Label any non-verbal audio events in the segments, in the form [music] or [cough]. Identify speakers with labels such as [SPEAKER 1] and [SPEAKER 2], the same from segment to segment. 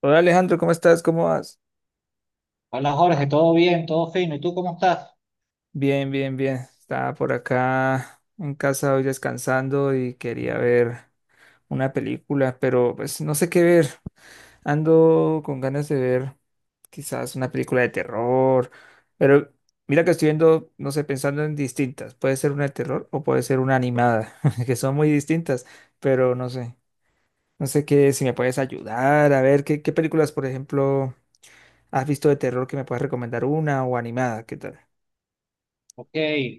[SPEAKER 1] Hola Alejandro, ¿cómo estás? ¿Cómo vas?
[SPEAKER 2] Hola Jorge, todo bien, todo fino. ¿Y tú cómo estás?
[SPEAKER 1] Bien, bien, bien. Estaba por acá en casa hoy descansando y quería ver una película, pero pues no sé qué ver. Ando con ganas de ver quizás una película de terror, pero mira que estoy viendo, no sé, pensando en distintas. Puede ser una de terror o puede ser una animada, [laughs] que son muy distintas, pero no sé. No sé qué, si me puedes ayudar a ver qué películas, por ejemplo, has visto de terror que me puedas recomendar una o animada, ¿qué tal?
[SPEAKER 2] Ok,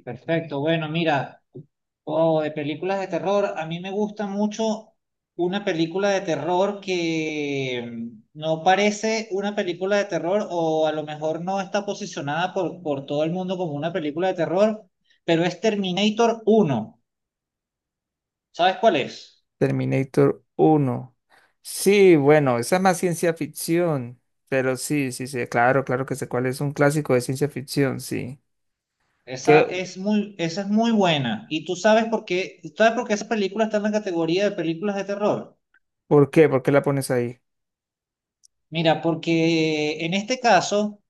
[SPEAKER 2] perfecto. Bueno, mira, oh, de películas de terror, a mí me gusta mucho una película de terror que no parece una película de terror o a lo mejor no está posicionada por todo el mundo como una película de terror, pero es Terminator uno. ¿Sabes cuál es?
[SPEAKER 1] Terminator uno. Sí, bueno, esa es más ciencia ficción, pero sí, sí, sí, claro, claro que sé cuál es, un clásico de ciencia ficción, sí.
[SPEAKER 2] Esa
[SPEAKER 1] ¿Qué?
[SPEAKER 2] es esa es muy buena. ¿Y tú sabes por qué? ¿Sabes por qué esa película está en la categoría de películas de terror?
[SPEAKER 1] ¿Por qué? ¿Por qué la pones ahí?
[SPEAKER 2] Mira, porque en este caso,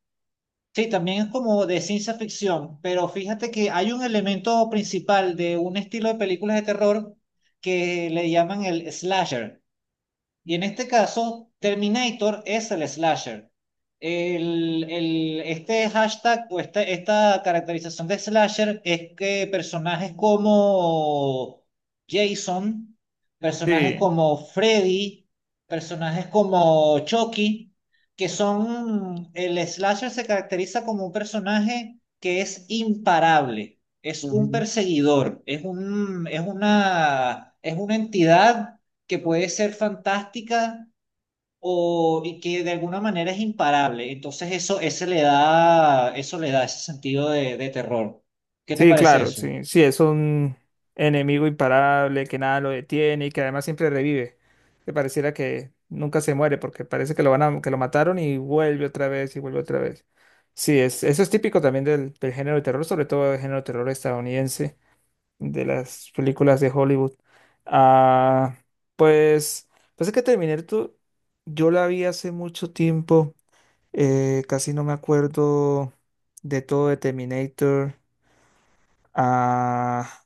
[SPEAKER 2] sí, también es como de ciencia ficción, pero fíjate que hay un elemento principal de un estilo de películas de terror que le llaman el slasher. Y en este caso, Terminator es el slasher. Este hashtag o esta caracterización de slasher es que personajes como Jason, personajes
[SPEAKER 1] Sí.
[SPEAKER 2] como Freddy, personajes como Chucky, que son, el slasher se caracteriza como un personaje que es imparable, es un
[SPEAKER 1] Ujú.
[SPEAKER 2] perseguidor, es una entidad que puede ser fantástica o y que de alguna manera es imparable. Entonces eso le da ese sentido de terror. ¿Qué te
[SPEAKER 1] Sí,
[SPEAKER 2] parece
[SPEAKER 1] claro,
[SPEAKER 2] eso?
[SPEAKER 1] sí, sí, es un enemigo imparable que nada lo detiene y que además siempre revive, que pareciera que nunca se muere porque parece que lo van a, que lo mataron y vuelve otra vez y vuelve otra vez. Sí, es, eso es típico también del género de terror, sobre todo del género de terror estadounidense, de las películas de Hollywood. Ah, pues, pues es que Terminator, yo la vi hace mucho tiempo, casi no me acuerdo de todo de Terminator. Ah,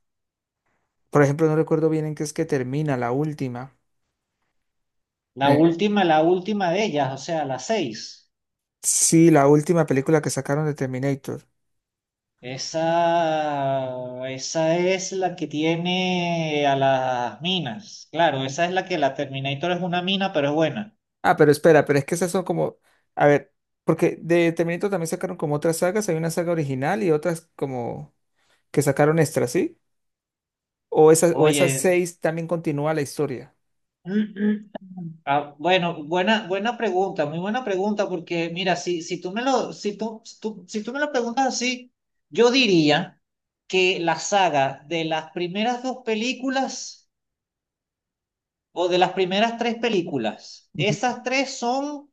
[SPEAKER 1] por ejemplo, no recuerdo bien en qué es que termina la última. Eh,
[SPEAKER 2] La última de ellas, o sea, la seis.
[SPEAKER 1] sí, la última película que sacaron de Terminator.
[SPEAKER 2] Esa es la que tiene a las minas. Claro, esa es la que la Terminator es una mina, pero es buena.
[SPEAKER 1] Ah, pero espera, pero es que esas son como, a ver, porque de Terminator también sacaron como otras sagas, hay una saga original y otras como que sacaron extras, ¿sí? O esas
[SPEAKER 2] Oye,
[SPEAKER 1] seis también continúa la historia.
[SPEAKER 2] [clears throat] ah, bueno, buena, buena pregunta, muy buena pregunta, porque mira, si, si tú me lo, si tú, si tú, si tú me lo preguntas así, yo diría que la saga de las primeras dos películas o de las primeras tres películas,
[SPEAKER 1] Ujú.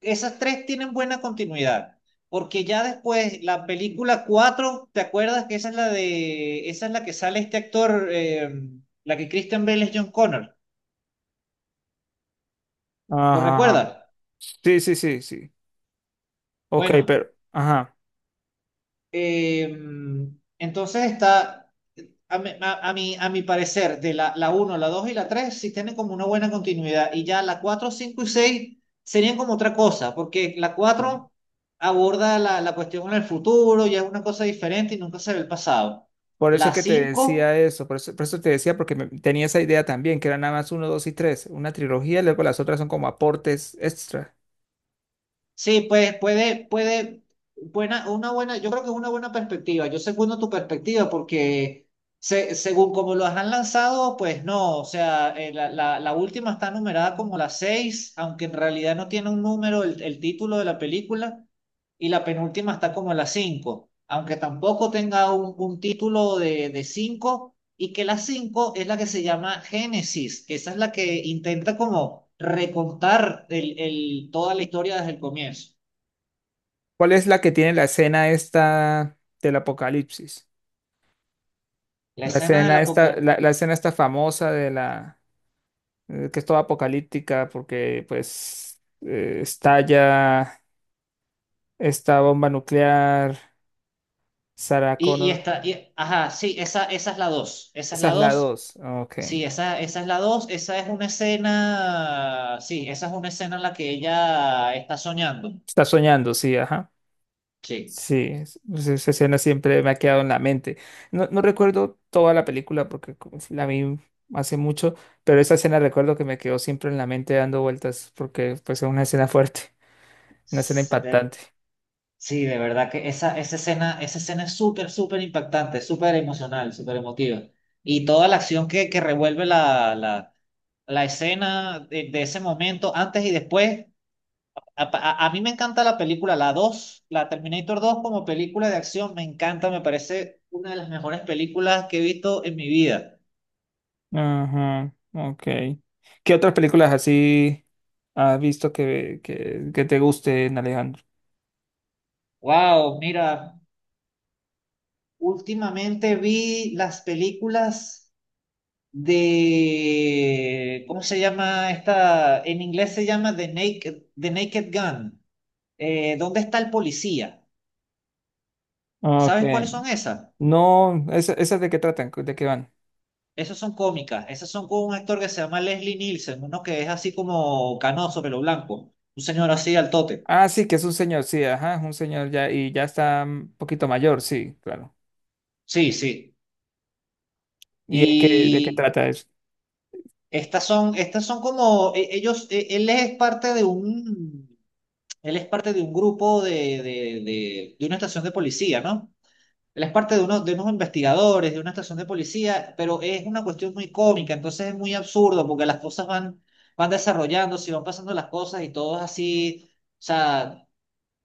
[SPEAKER 2] esas tres tienen buena continuidad, porque ya después la película cuatro, ¿te acuerdas que esa es la esa es la que sale este actor, la que Christian Bale es John Connor? ¿Lo
[SPEAKER 1] Ajá, ajá.
[SPEAKER 2] recuerdas?
[SPEAKER 1] Sí, sí, sí, sí. Ok,
[SPEAKER 2] Bueno.
[SPEAKER 1] pero, ajá.
[SPEAKER 2] Eh, entonces está, a mi parecer, la uno la 2 y la 3 sí tienen como una buena continuidad y ya la 4 5 y 6 serían como otra cosa, porque la
[SPEAKER 1] Sí.
[SPEAKER 2] cuatro aborda la cuestión en el futuro, ya es una cosa diferente y nunca se ve el pasado.
[SPEAKER 1] Por eso
[SPEAKER 2] La
[SPEAKER 1] que te
[SPEAKER 2] 5
[SPEAKER 1] decía eso, por eso, por eso te decía, porque tenía esa idea también, que eran nada más uno, dos y tres, una trilogía, y luego las otras son como aportes extra.
[SPEAKER 2] sí, pues puede, puede, buena, una buena, yo creo que es una buena perspectiva. Yo segundo tu perspectiva porque se- según como los han lanzado, pues no, o sea, la última está numerada como la 6 aunque en realidad no tiene un número el título de la película, y la penúltima está como la 5 aunque tampoco tenga un título de 5 y que la 5 es la que se llama Génesis, que esa es la que intenta como recontar toda la historia desde el comienzo.
[SPEAKER 1] ¿Cuál es la que tiene la escena esta del apocalipsis?
[SPEAKER 2] La
[SPEAKER 1] La
[SPEAKER 2] escena del
[SPEAKER 1] escena esta,
[SPEAKER 2] apocalipsis.
[SPEAKER 1] la escena esta famosa de la, que es toda apocalíptica porque pues estalla esta bomba nuclear, Sarah Connor,
[SPEAKER 2] Ajá, sí, esa es la dos, esa es
[SPEAKER 1] esa
[SPEAKER 2] la
[SPEAKER 1] es la
[SPEAKER 2] dos,
[SPEAKER 1] dos. Ok.
[SPEAKER 2] sí, esa es la dos, esa es una escena, sí, esa es una escena en la que ella está soñando,
[SPEAKER 1] Está soñando, sí, ajá.
[SPEAKER 2] sí.
[SPEAKER 1] Sí, pues esa escena siempre me ha quedado en la mente. No, no recuerdo toda la película porque como la vi hace mucho, pero esa escena recuerdo que me quedó siempre en la mente dando vueltas porque pues es una escena fuerte, [laughs] una escena impactante.
[SPEAKER 2] Sí, de verdad que esa escena es súper, súper impactante, súper emocional, súper emotiva. Y toda la acción que revuelve la escena de ese momento, antes y después. A mí me encanta la película, la dos, la Terminator dos, como película de acción, me encanta, me parece una de las mejores películas que he visto en mi vida.
[SPEAKER 1] Ajá, ok. ¿Qué otras películas así has visto que te gusten, Alejandro?
[SPEAKER 2] Wow, mira, últimamente vi las películas de, ¿cómo se llama esta? En inglés se llama The Naked Gun. ¿Dónde está el policía?
[SPEAKER 1] Ok.
[SPEAKER 2] ¿Sabes cuáles son esas?
[SPEAKER 1] No, esas de qué tratan? ¿De qué van?
[SPEAKER 2] Esas son cómicas. Esas son con un actor que se llama Leslie Nielsen, uno que es así como canoso, pelo blanco. Un señor así al tote.
[SPEAKER 1] Ah, sí, que es un señor, sí, ajá, es un señor ya y ya está un poquito mayor, sí, claro.
[SPEAKER 2] Sí, sí.
[SPEAKER 1] ¿Y de qué
[SPEAKER 2] Y
[SPEAKER 1] trata eso?
[SPEAKER 2] estas son como, él es parte de un, él es parte de un grupo de una estación de policía, ¿no? Él es parte de, uno, de unos investigadores, de una estación de policía, pero es una cuestión muy cómica, entonces es muy absurdo porque van desarrollándose y van pasando las cosas y todo es así, o sea,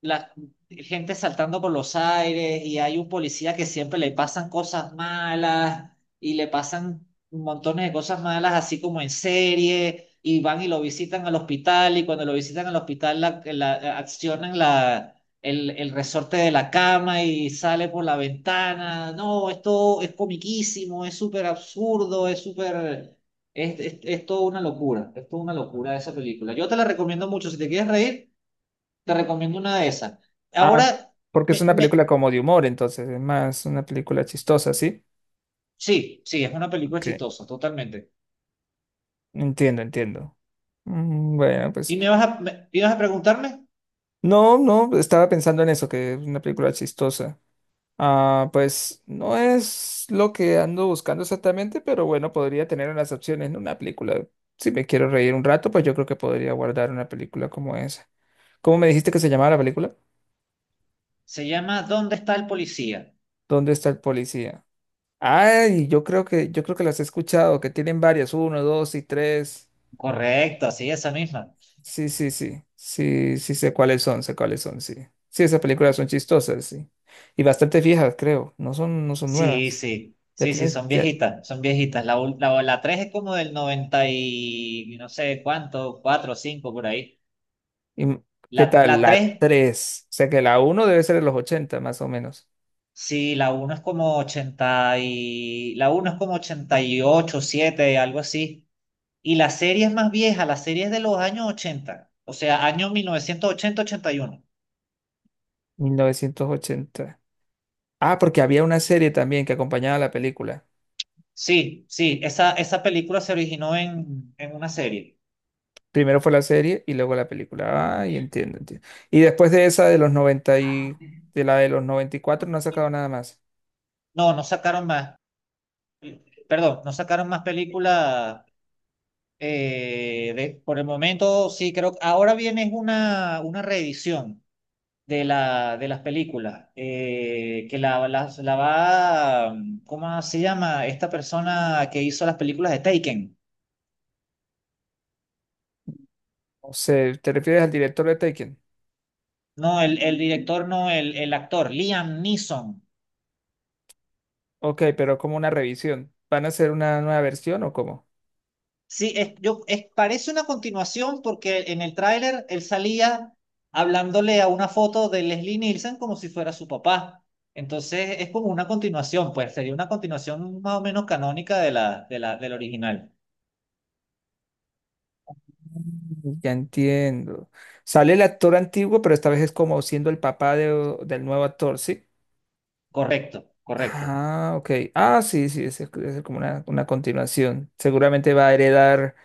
[SPEAKER 2] la gente saltando por los aires y hay un policía que siempre le pasan cosas malas y le pasan montones de cosas malas así como en serie y van y lo visitan al hospital y cuando lo visitan al hospital accionan el resorte de la cama y sale por la ventana. No, esto es comiquísimo, es súper absurdo, es súper... es toda una locura, es toda una locura esa película. Yo te la recomiendo mucho. Si te quieres reír, te recomiendo una de esas.
[SPEAKER 1] Ah,
[SPEAKER 2] Ahora,
[SPEAKER 1] porque es
[SPEAKER 2] me,
[SPEAKER 1] una película
[SPEAKER 2] me,
[SPEAKER 1] como de humor, entonces, es más una película chistosa, ¿sí?
[SPEAKER 2] sí, sí, es una película
[SPEAKER 1] Que
[SPEAKER 2] chistosa, totalmente.
[SPEAKER 1] entiendo, entiendo. Bueno,
[SPEAKER 2] ¿Y
[SPEAKER 1] pues,
[SPEAKER 2] me vas a, me- ibas a preguntarme?
[SPEAKER 1] no, no, estaba pensando en eso, que es una película chistosa. Ah, pues, no es lo que ando buscando exactamente, pero bueno, podría tener unas opciones en una película. Si me quiero reír un rato, pues yo creo que podría guardar una película como esa. ¿Cómo me dijiste que se llamaba la película?
[SPEAKER 2] Se llama ¿Dónde está el policía?
[SPEAKER 1] ¿Dónde está el policía? Ay, yo creo que las he escuchado, que tienen varias, uno, dos y tres.
[SPEAKER 2] Correcto, sí, esa misma.
[SPEAKER 1] Sí, sí, sí. Sí, sí sé cuáles son, sí. Sí, esas películas son chistosas, sí. Y bastante viejas, creo. No son
[SPEAKER 2] Sí,
[SPEAKER 1] nuevas.
[SPEAKER 2] sí,
[SPEAKER 1] Ya
[SPEAKER 2] sí, sí,
[SPEAKER 1] tienes,
[SPEAKER 2] son
[SPEAKER 1] ya.
[SPEAKER 2] viejitas, son viejitas. La 3 es como del 90 y no sé cuánto, 4 o 5 por ahí.
[SPEAKER 1] y- ¿Qué
[SPEAKER 2] La,
[SPEAKER 1] tal?
[SPEAKER 2] la
[SPEAKER 1] La
[SPEAKER 2] 3,
[SPEAKER 1] tres. O sea que la uno debe ser de los 80, más o menos.
[SPEAKER 2] sí, la uno es como 80 y... La uno es como 88, 7, algo así. Y las series más viejas, las series de los años 80, o sea, años mil novecientos ochenta-ochenta y uno.
[SPEAKER 1] 1980. Ah, porque había una serie también que acompañaba a la película.
[SPEAKER 2] Sí, sí, esa película se originó en una serie.
[SPEAKER 1] Primero fue la serie y luego la película. Ay, entiendo, entiendo. Y después de esa de los 90 y de la de los 94 no ha sacado nada más.
[SPEAKER 2] No, no sacaron más, perdón, no sacaron más películas, de- por el momento, sí, creo que ahora viene es una reedición de, la, de las películas, que la, la la va, ¿cómo se llama? Esta persona que hizo las películas de Taken.
[SPEAKER 1] O sea, ¿te refieres al director de Taken?
[SPEAKER 2] No, el director no, el actor, Liam Neeson.
[SPEAKER 1] Ok, pero como una revisión. ¿Van a hacer una nueva versión o cómo?
[SPEAKER 2] Sí, parece una continuación porque en el tráiler él salía hablándole a una foto de Leslie Nielsen como si fuera su papá. Entonces es como una continuación, pues sería una continuación más o menos canónica de del original.
[SPEAKER 1] Ya entiendo. Sale el actor antiguo, pero esta vez es como siendo el papá del nuevo actor, ¿sí?
[SPEAKER 2] Correcto, correcto.
[SPEAKER 1] Ah, ok. Ah, sí, sí, es como una continuación. Seguramente va a heredar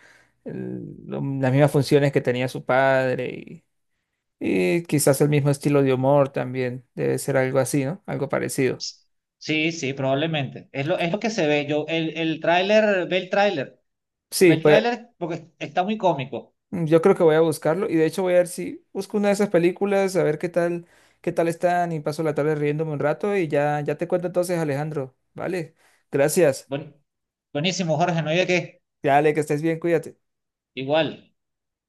[SPEAKER 1] las mismas funciones que tenía su padre. Y quizás el mismo estilo de humor también debe ser algo así, ¿no? Algo parecido.
[SPEAKER 2] Sí, sí, probablemente. Es lo que se ve. El tráiler, ve el tráiler, ve
[SPEAKER 1] Sí,
[SPEAKER 2] el
[SPEAKER 1] pues
[SPEAKER 2] tráiler porque está muy cómico.
[SPEAKER 1] yo creo que voy a buscarlo y de hecho voy a ver si busco una de esas películas, a ver qué tal están y paso la tarde riéndome un rato y ya, ya te cuento entonces, Alejandro, ¿vale? Gracias.
[SPEAKER 2] Buen- buenísimo, Jorge, no hay de qué.
[SPEAKER 1] Dale, que estés bien, cuídate.
[SPEAKER 2] Igual.